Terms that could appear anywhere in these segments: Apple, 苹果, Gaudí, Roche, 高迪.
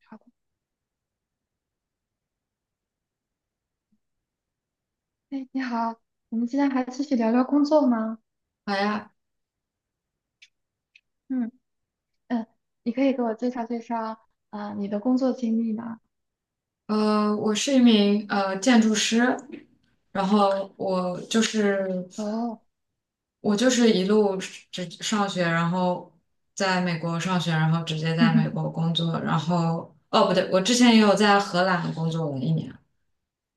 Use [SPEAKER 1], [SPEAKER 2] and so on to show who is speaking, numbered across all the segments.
[SPEAKER 1] 好的。哎，你好，我们今天还继续聊聊工作吗？
[SPEAKER 2] 好呀，
[SPEAKER 1] 嗯，嗯，你可以给我介绍介绍啊、你的工作经历吗？
[SPEAKER 2] 我是一名建筑师，然后我就是
[SPEAKER 1] 哦。
[SPEAKER 2] 我就是一路直上学，然后在美国上学，然后直接在美国 工作，然后哦不对，我之前也有在荷兰工作了一年，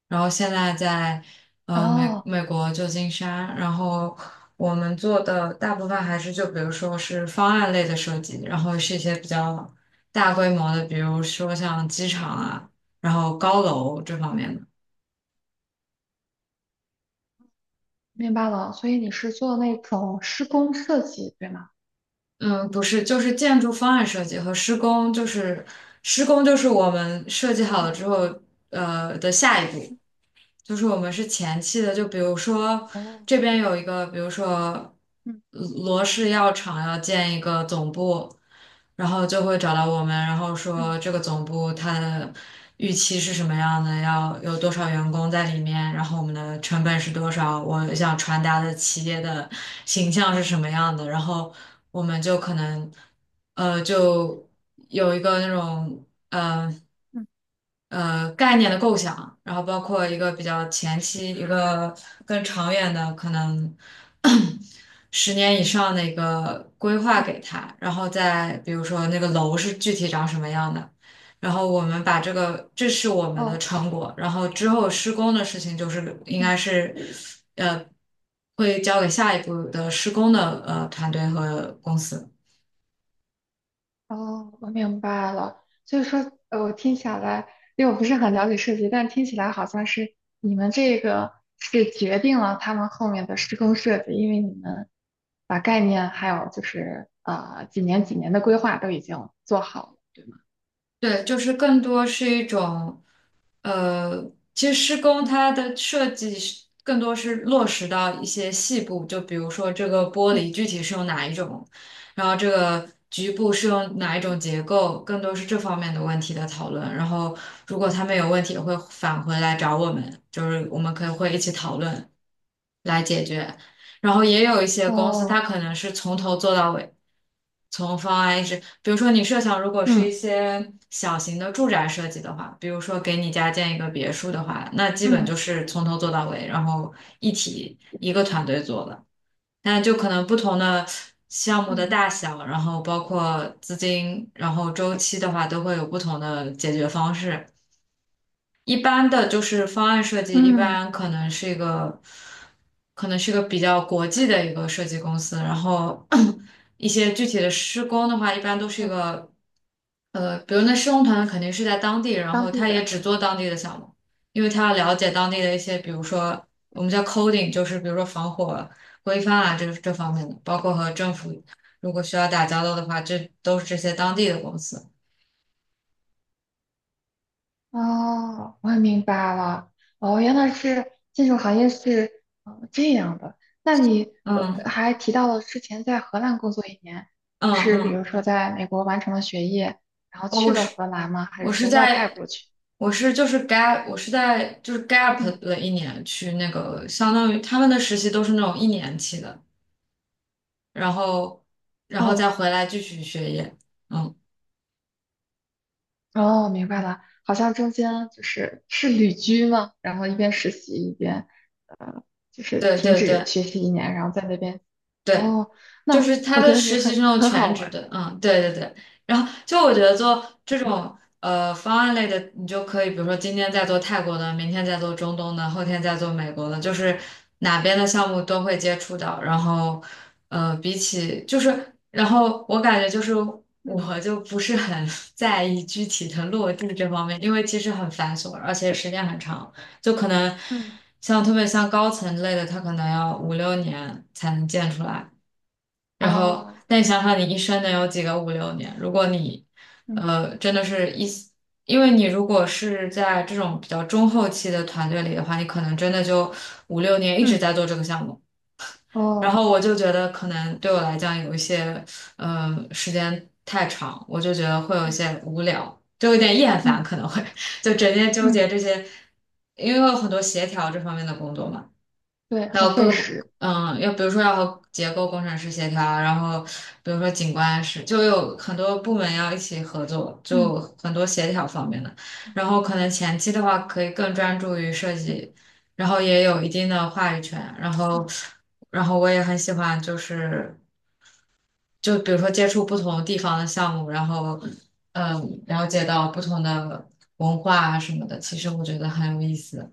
[SPEAKER 2] 然后现在在呃美
[SPEAKER 1] 哦，
[SPEAKER 2] 美国旧金山，然后我们做的大部分还是就比如说是方案类的设计，然后是一些比较大规模的，比如说像机场
[SPEAKER 1] 嗯
[SPEAKER 2] 啊，然后高楼这方面的。
[SPEAKER 1] 明白了，所以你是做那种施工设计，对吗？
[SPEAKER 2] 嗯，不是，就是建筑方案设计和施工，就是施工就是我们设计好了
[SPEAKER 1] 嗯，
[SPEAKER 2] 之后，的下一步。
[SPEAKER 1] 嗯，
[SPEAKER 2] 就是我们是前期的，就比如说
[SPEAKER 1] 哦，
[SPEAKER 2] 这边有一个，比如说
[SPEAKER 1] 嗯，
[SPEAKER 2] 罗氏药厂要建一个总部，然后就会找到我们，然后
[SPEAKER 1] 嗯，
[SPEAKER 2] 说这个总部它的预期是什么样的，要有多少员工在里面，然后我们的成本是多少，我想传达的企业的形象是什么样的，然后我们就可能就有一个那种。嗯。
[SPEAKER 1] 嗯，
[SPEAKER 2] 概念的构想，然后包括一个比较前期，一个更长远的可能 10年以上的一个规划
[SPEAKER 1] 嗯，
[SPEAKER 2] 给他，然后再比如说那个楼是具体长什么样的，然后我们把这是我们的
[SPEAKER 1] 哦，
[SPEAKER 2] 成果，然后之后施工的事情就是应
[SPEAKER 1] 嗯，
[SPEAKER 2] 该是呃会交给下一步的施工的团队和公司。
[SPEAKER 1] 哦，我明白了。所以说，我听起来，因为我不是很了解设计，但听起来好像是你们这个是决定了他们后面的施工设计，因为你们把概念还有就是几年几年的规划都已经做好了，对吗？
[SPEAKER 2] 对，就是更多是一种。呃，其实施工
[SPEAKER 1] 嗯，
[SPEAKER 2] 它的设计是更多是落实到一些细部，就比如说这个玻
[SPEAKER 1] 嗯，
[SPEAKER 2] 璃具体是用哪一种，然后这个局部是用哪一种
[SPEAKER 1] 嗯，
[SPEAKER 2] 结构，更多是这方面的问题的讨论。然后如果他们有问题，也会返回来找我们，就是我们可以会一起讨论。来解决。然后也有一些公司，它
[SPEAKER 1] 哦，
[SPEAKER 2] 可能是从头做到尾，从方案一直，比如说你设想，如果是一
[SPEAKER 1] 嗯，
[SPEAKER 2] 些小型的住宅设计的话，比如说给你家建一个别墅的话，那基本就
[SPEAKER 1] 嗯，
[SPEAKER 2] 是从头做到尾，然后一体一个团队做的。但就可能不同的项目的
[SPEAKER 1] 嗯，
[SPEAKER 2] 大小，然后包括资金，然后周期的话，都会有不同的解决方式。一般的就是方案设计，一
[SPEAKER 1] 嗯，
[SPEAKER 2] 般可能是一个比较国际的一个设计公司，然后 一些具体的施工的话，一般都是
[SPEAKER 1] 嗯，
[SPEAKER 2] 比如那施工团队肯定是在当地，然
[SPEAKER 1] 当
[SPEAKER 2] 后
[SPEAKER 1] 地
[SPEAKER 2] 他也
[SPEAKER 1] 的。
[SPEAKER 2] 只做当地的项目，因为他要了解当地的一些，比如说我们叫 coding，就是比如说防火规范啊这方面的，包括和政府如果需要打交道的话，这都是这些当地的公司。
[SPEAKER 1] 哦，我明白了。哦，原来是建筑行业是这样的。那你
[SPEAKER 2] 嗯
[SPEAKER 1] 还提到了之前在荷兰工作一年，
[SPEAKER 2] 嗯
[SPEAKER 1] 你是比如
[SPEAKER 2] 嗯。
[SPEAKER 1] 说在美国完成了学业，然后
[SPEAKER 2] 哦，
[SPEAKER 1] 去
[SPEAKER 2] 我
[SPEAKER 1] 了
[SPEAKER 2] 是
[SPEAKER 1] 荷兰吗？还是
[SPEAKER 2] 我是
[SPEAKER 1] 说外派
[SPEAKER 2] 在
[SPEAKER 1] 过去？
[SPEAKER 2] 我是就是 gap 我是在就是
[SPEAKER 1] 嗯，
[SPEAKER 2] gap 了1年去那个，相当于他们的实习都是那种1年期的，然后然后再
[SPEAKER 1] 哦，
[SPEAKER 2] 回来继续学业。嗯，
[SPEAKER 1] 哦，明白了，好像中间就是旅居吗？然后一边实习一边，呃，就是
[SPEAKER 2] 对
[SPEAKER 1] 停
[SPEAKER 2] 对
[SPEAKER 1] 止
[SPEAKER 2] 对
[SPEAKER 1] 学习一年，然后在那边。
[SPEAKER 2] 对。
[SPEAKER 1] 哦，
[SPEAKER 2] 就是
[SPEAKER 1] 那
[SPEAKER 2] 他
[SPEAKER 1] 我觉
[SPEAKER 2] 的
[SPEAKER 1] 得也
[SPEAKER 2] 实习
[SPEAKER 1] 很
[SPEAKER 2] 生有
[SPEAKER 1] 很
[SPEAKER 2] 全
[SPEAKER 1] 好
[SPEAKER 2] 职
[SPEAKER 1] 玩。
[SPEAKER 2] 的，嗯，对对对。然后就我觉得做这
[SPEAKER 1] 嗯，
[SPEAKER 2] 种方案类的，你就可以，比如说今天在做泰国的，明天在做中东的，后天在做美国的，就是哪边的项目都会接触到。然后呃，比起就是，然后我感觉就是
[SPEAKER 1] 嗯，
[SPEAKER 2] 我就不是很 在意具体的落地这方面，因为其实很繁琐，而且时间很长，就可能
[SPEAKER 1] 嗯，
[SPEAKER 2] 特别像高层类的，它可能要五六年才能建出来。然后，
[SPEAKER 1] 啊，
[SPEAKER 2] 但你想想，你一生能有几个五六年？如果你，
[SPEAKER 1] 嗯，
[SPEAKER 2] 呃，真的是一，因为你如果是在这种比较中后期的团队里的话，你可能真的就五六年一直
[SPEAKER 1] 嗯，
[SPEAKER 2] 在做这个项目。然
[SPEAKER 1] 哦，
[SPEAKER 2] 后我就觉得，可能对我来讲有一些，时间太长，我就觉得会有一
[SPEAKER 1] 嗯，
[SPEAKER 2] 些无聊，就有点厌烦，
[SPEAKER 1] 嗯，
[SPEAKER 2] 可能会 就整天纠结
[SPEAKER 1] 嗯，
[SPEAKER 2] 这些，因为有很多协调这方面的工作嘛。
[SPEAKER 1] 对，
[SPEAKER 2] 还
[SPEAKER 1] 很
[SPEAKER 2] 有
[SPEAKER 1] 费
[SPEAKER 2] 各个
[SPEAKER 1] 时。
[SPEAKER 2] 嗯，要比如说要和结构工程师协调，然后比如说景观师，就有很多部门要一起合作，
[SPEAKER 1] 嗯，
[SPEAKER 2] 就很多协调方面的。然后可能前期的话可以更专注于设计，
[SPEAKER 1] 嗯，
[SPEAKER 2] 然后也有一定的话语权。然后，
[SPEAKER 1] 嗯。
[SPEAKER 2] 我也很喜欢，就是就比如说接触不同地方的项目，然后了解到不同的文化啊什么的，其实我觉得很有意思。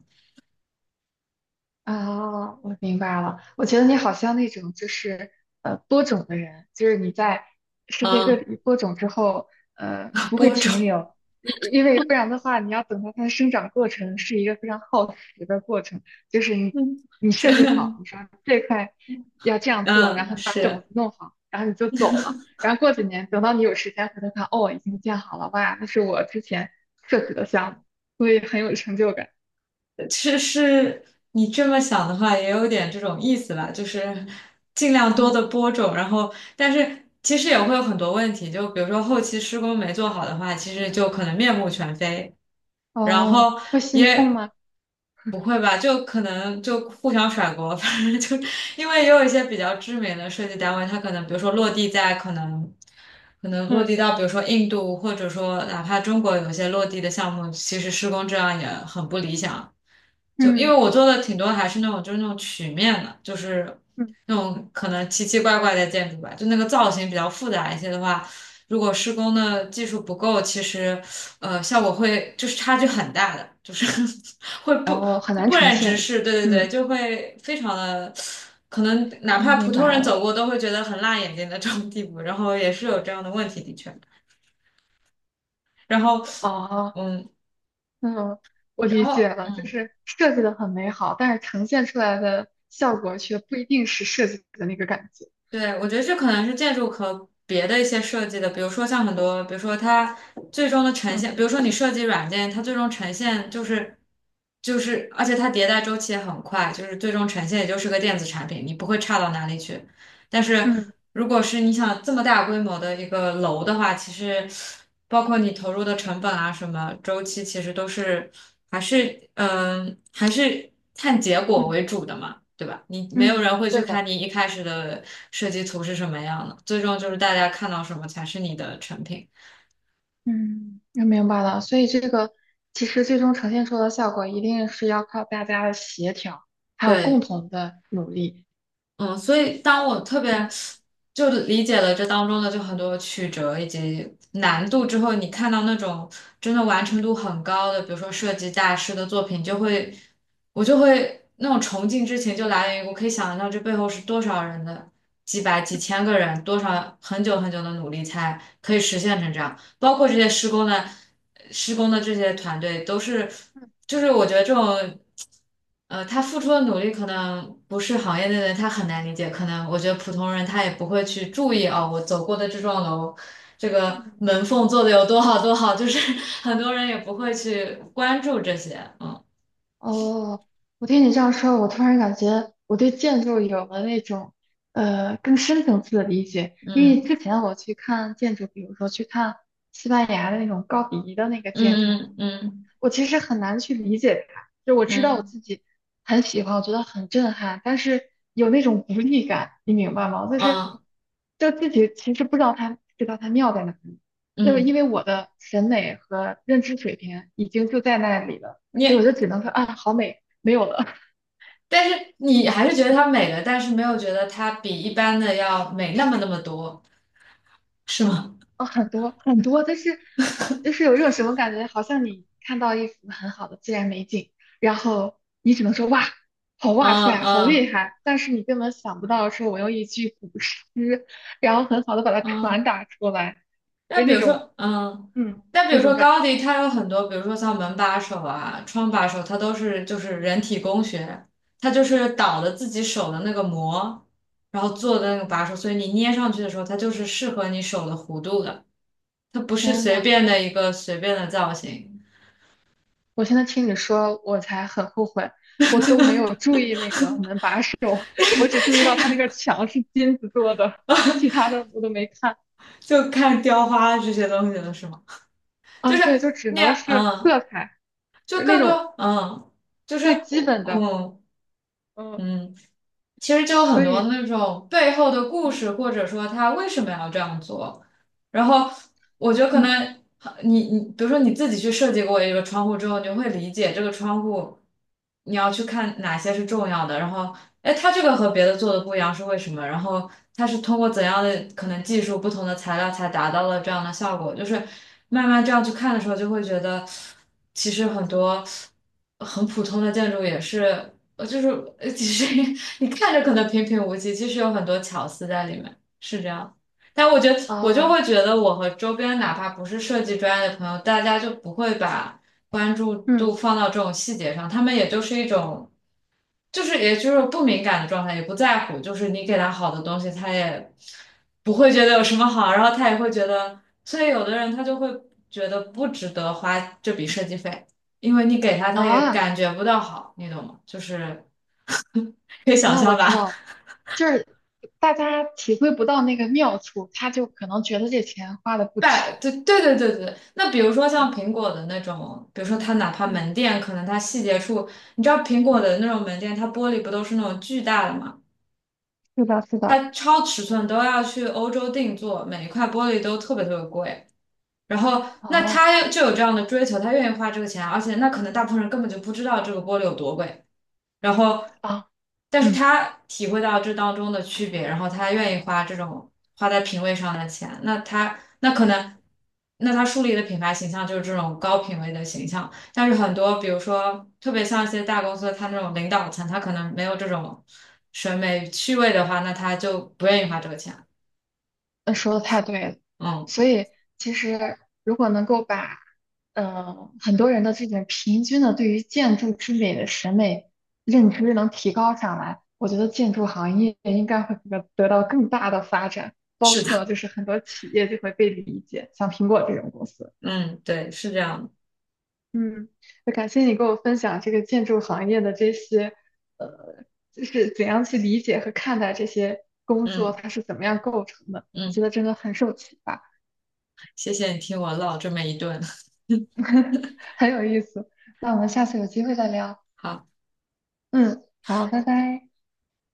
[SPEAKER 1] 啊，我明白了。我觉得你好像那种就是播种的人，就是你在世界各
[SPEAKER 2] 嗯，
[SPEAKER 1] 地播种之后，不会
[SPEAKER 2] 播
[SPEAKER 1] 停
[SPEAKER 2] 种，
[SPEAKER 1] 留，因为不然的话，你要等到它的生长过程是一个非常耗时的过程。就是 你
[SPEAKER 2] 嗯，
[SPEAKER 1] 你
[SPEAKER 2] 是。
[SPEAKER 1] 设计好，你说这块要这样做，然
[SPEAKER 2] 嗯，
[SPEAKER 1] 后你把种
[SPEAKER 2] 是，
[SPEAKER 1] 子弄好，然后你就走了。然后过几年，等到你有时间回头看，哦，已经建好了，哇，那是我之前设计的项目，所以很有成就感。
[SPEAKER 2] 其实你这么想的话，也有点这种意思吧，就是尽量多
[SPEAKER 1] 嗯，
[SPEAKER 2] 的播种，然后但是其实也会有很多问题，就比如说后期施工没做好的话，其实就可能面目全非，然
[SPEAKER 1] 哦，
[SPEAKER 2] 后
[SPEAKER 1] 会心痛
[SPEAKER 2] 也
[SPEAKER 1] 吗？
[SPEAKER 2] 不会吧，就可能就互相甩锅，反正就因为也有一些比较知名的设计单位，它可能比如说落地在可能。可能落地
[SPEAKER 1] 嗯，
[SPEAKER 2] 到，比如说印度，或者说哪怕中国有些落地的项目，其实施工质量也很不理想。就因
[SPEAKER 1] 嗯，
[SPEAKER 2] 为我做的挺多还是那种就是那种曲面的，就是
[SPEAKER 1] 嗯，
[SPEAKER 2] 那种可能奇奇怪怪的建筑吧，就那个造型比较复杂一些的话，如果施工的技术不够，其实效果会就是差距很大的，就是 会
[SPEAKER 1] 然
[SPEAKER 2] 不
[SPEAKER 1] 后很
[SPEAKER 2] 不
[SPEAKER 1] 难
[SPEAKER 2] 不
[SPEAKER 1] 呈
[SPEAKER 2] 忍直
[SPEAKER 1] 现。
[SPEAKER 2] 视，对对对，
[SPEAKER 1] 嗯，
[SPEAKER 2] 就会非常的。可能哪
[SPEAKER 1] 嗯
[SPEAKER 2] 怕普
[SPEAKER 1] 明
[SPEAKER 2] 通
[SPEAKER 1] 白
[SPEAKER 2] 人走
[SPEAKER 1] 了。
[SPEAKER 2] 过都会觉得很辣眼睛的这种地步，然后也是有这样的问题，的确。然后，
[SPEAKER 1] 哦，
[SPEAKER 2] 嗯，
[SPEAKER 1] 嗯，我
[SPEAKER 2] 然
[SPEAKER 1] 理解
[SPEAKER 2] 后。
[SPEAKER 1] 了，就
[SPEAKER 2] 嗯。
[SPEAKER 1] 是设计的很美好，但是呈现出来的效果却不一定是设计的那个感觉。
[SPEAKER 2] 对，我觉得这可能是建筑和别的一些设计的，比如说像很多，比如说它最终的呈
[SPEAKER 1] 嗯，
[SPEAKER 2] 现，比如说你设计软件，它最终呈现就是，而且它迭代周期也很快，就是最终呈现也就是个电子产品，你不会差到哪里去。但是
[SPEAKER 1] 嗯，
[SPEAKER 2] 如果是你想这么大规模的一个楼的话，其实包括你投入的成本啊，什么周期，其实都是还是看结果
[SPEAKER 1] 嗯，
[SPEAKER 2] 为主的嘛，对吧？你没有
[SPEAKER 1] 嗯，
[SPEAKER 2] 人会去
[SPEAKER 1] 对
[SPEAKER 2] 看
[SPEAKER 1] 的。
[SPEAKER 2] 你一开始的设计图是什么样的，最终就是大家看到什么才是你的成品。
[SPEAKER 1] 嗯，我明白了。所以这个其实最终呈现出的效果，一定是要靠大家的协调，还有共
[SPEAKER 2] 对，
[SPEAKER 1] 同的努力。
[SPEAKER 2] 嗯，所以当我特别
[SPEAKER 1] 嗯，
[SPEAKER 2] 就理解了这当中的就很多曲折以及难度之后，你看到那种真的完成
[SPEAKER 1] 嗯，
[SPEAKER 2] 度很高的，比如说设计大师的作品，就会我就
[SPEAKER 1] 嗯，
[SPEAKER 2] 会那种崇敬之情就来源于我可以想象到这背后是多少人的几百几
[SPEAKER 1] 嗯。
[SPEAKER 2] 千个人，多少很久很久的努力才可以实现成这样。包括这些施工的这些团队都是，就是我觉得这种，他付出的努力可能不是行业内的人他很难理解，可能我觉得普通人他也不会去注意哦，我走过的这幢楼，这个门缝做的有多好多好，就是 很多人也不会去关注这些，嗯
[SPEAKER 1] 哦，我听你这样说，我突然感觉我对建筑有了那种更深层次的理解。因为
[SPEAKER 2] 嗯
[SPEAKER 1] 之前我去看建筑，比如说去看西班牙的那种高迪的那个建筑，
[SPEAKER 2] 嗯嗯
[SPEAKER 1] 我其实很难去理解它。就我知道我
[SPEAKER 2] 嗯
[SPEAKER 1] 自己很喜欢，我觉得很震撼，但是有那种无力感，你明白吗？就是
[SPEAKER 2] 嗯
[SPEAKER 1] 自己其实不知道它妙在哪里，就是
[SPEAKER 2] 嗯嗯，
[SPEAKER 1] 因为我的审美和认知水平已经就在那里了。所以我
[SPEAKER 2] 你。
[SPEAKER 1] 就只能说啊，好美，没有了。
[SPEAKER 2] 但是你还是觉得它美了，但是没有觉得它比一般的要美那么那么多，是吗？
[SPEAKER 1] 啊，很多很多，但是就 是有一种什么感觉，好像你看到一幅很好的自然美景，然后你只能说哇，好哇
[SPEAKER 2] 嗯
[SPEAKER 1] 塞，好厉
[SPEAKER 2] 嗯
[SPEAKER 1] 害，但是你根本想不到说我用一句古诗，然后很好的把它
[SPEAKER 2] 嗯，
[SPEAKER 1] 传达出来，就
[SPEAKER 2] 那比
[SPEAKER 1] 那
[SPEAKER 2] 如
[SPEAKER 1] 种
[SPEAKER 2] 说，嗯，
[SPEAKER 1] 嗯
[SPEAKER 2] 那比
[SPEAKER 1] 那
[SPEAKER 2] 如
[SPEAKER 1] 种
[SPEAKER 2] 说
[SPEAKER 1] 感
[SPEAKER 2] 高
[SPEAKER 1] 觉。
[SPEAKER 2] 迪，他有很多，比如说像门把手啊、窗把手，它都是就是人体工学，它就是倒的自己手的那个模，然后做的那个把手，所以你捏上去的时候，它就是适合你手的弧度的，它不是
[SPEAKER 1] 真
[SPEAKER 2] 随
[SPEAKER 1] 的，
[SPEAKER 2] 便的一个随便的造型，
[SPEAKER 1] 我现在听你说，我才很后悔。我都没有注意那个门把手，我只注意到它那个墙是金子做的，其他的我都没看。
[SPEAKER 2] 就看雕花这些东西了，是吗？就
[SPEAKER 1] 啊，
[SPEAKER 2] 是
[SPEAKER 1] 对，就只
[SPEAKER 2] 那
[SPEAKER 1] 能
[SPEAKER 2] 样，
[SPEAKER 1] 是
[SPEAKER 2] 嗯，
[SPEAKER 1] 色彩，
[SPEAKER 2] 就
[SPEAKER 1] 就是那
[SPEAKER 2] 更
[SPEAKER 1] 种
[SPEAKER 2] 多，嗯，就是
[SPEAKER 1] 最基本的。
[SPEAKER 2] 嗯
[SPEAKER 1] 嗯，
[SPEAKER 2] 嗯。其实就有很
[SPEAKER 1] 所
[SPEAKER 2] 多
[SPEAKER 1] 以，
[SPEAKER 2] 那种背后的故事，或者说他为什么要这样做。然后我觉得可
[SPEAKER 1] 嗯，
[SPEAKER 2] 能你比如说你自己去设计过一个窗户之后，你就会理解这个窗户你要去看哪些是重要的。然后，哎，它这个和别的做的不一样是为什么？然后它是通过怎样的可能技术、不同的材料才达到了这样的效果。就是慢慢这样去看的时候，就会觉得其实很多很普通的建筑也是。我就是其实 你看着可能平平无奇，其实有很多巧思在里面，是这样。但我觉得，我就
[SPEAKER 1] 啊，
[SPEAKER 2] 会觉得，我和周边哪怕不是设计专业的朋友，大家就不会把关注
[SPEAKER 1] 嗯，
[SPEAKER 2] 度放到这种细节上，他们也就是一种，就是也就是不敏感的状态，也不在乎，就是你给他好的东西，他也不会觉得有什么好，然后他也会觉得，所以有的人他就会觉得不值得花这笔设计费，因为你给他，他也
[SPEAKER 1] 啊，
[SPEAKER 2] 感觉不到好，你懂吗？就是。可以想
[SPEAKER 1] 啊，我
[SPEAKER 2] 象
[SPEAKER 1] 知道
[SPEAKER 2] 吧？
[SPEAKER 1] 了，就是大家体会不到那个妙处，他就可能觉得这钱花的 不值，
[SPEAKER 2] 对对对对对，那比如说
[SPEAKER 1] 对
[SPEAKER 2] 像
[SPEAKER 1] 吧？
[SPEAKER 2] 苹果的那种，比如说它哪怕
[SPEAKER 1] 嗯，
[SPEAKER 2] 门店，可能它细节处，你知道苹果
[SPEAKER 1] 嗯，
[SPEAKER 2] 的那种门店，它玻璃不都是那种巨大的嘛？
[SPEAKER 1] 是的，是的，
[SPEAKER 2] 它超尺寸都要去欧洲定做，每一块玻璃都特别特别贵。然后，那
[SPEAKER 1] 好
[SPEAKER 2] 他就有这样的追求，他愿意花这个钱，而且那可能大部分人根本就不知道这个玻璃有多贵，然后，
[SPEAKER 1] 啊，
[SPEAKER 2] 但是
[SPEAKER 1] 嗯。
[SPEAKER 2] 他体会到这当中的区别，然后他愿意花这种花在品味上的钱，那他那可能，那他树立的品牌形象就是这种高品位的形象，但是很多，比如说特别像一些大公司，他那种领导层，他可能没有这种审美趣味的话，那他就不愿意花这个钱。
[SPEAKER 1] 那说的太对了，
[SPEAKER 2] 嗯，
[SPEAKER 1] 所以其实如果能够把，很多人的这种平均的对于建筑之美的审美认知能提高上来，我觉得建筑行业应该会得到更大的发展，包
[SPEAKER 2] 是的。
[SPEAKER 1] 括就是很多企业就会被理解，像苹果这种公司。
[SPEAKER 2] 嗯，对，是这样的
[SPEAKER 1] 嗯，那感谢你给我分享这个建筑行业的这些，呃，就是怎样去理解和看待这些工作，
[SPEAKER 2] 嗯
[SPEAKER 1] 它是怎么样构成的，我觉
[SPEAKER 2] 嗯，
[SPEAKER 1] 得真的很受启发。
[SPEAKER 2] 谢谢你听我唠这么一顿。
[SPEAKER 1] 很有意思。那我们下次有机会再聊。
[SPEAKER 2] 好。
[SPEAKER 1] 嗯，好，拜拜。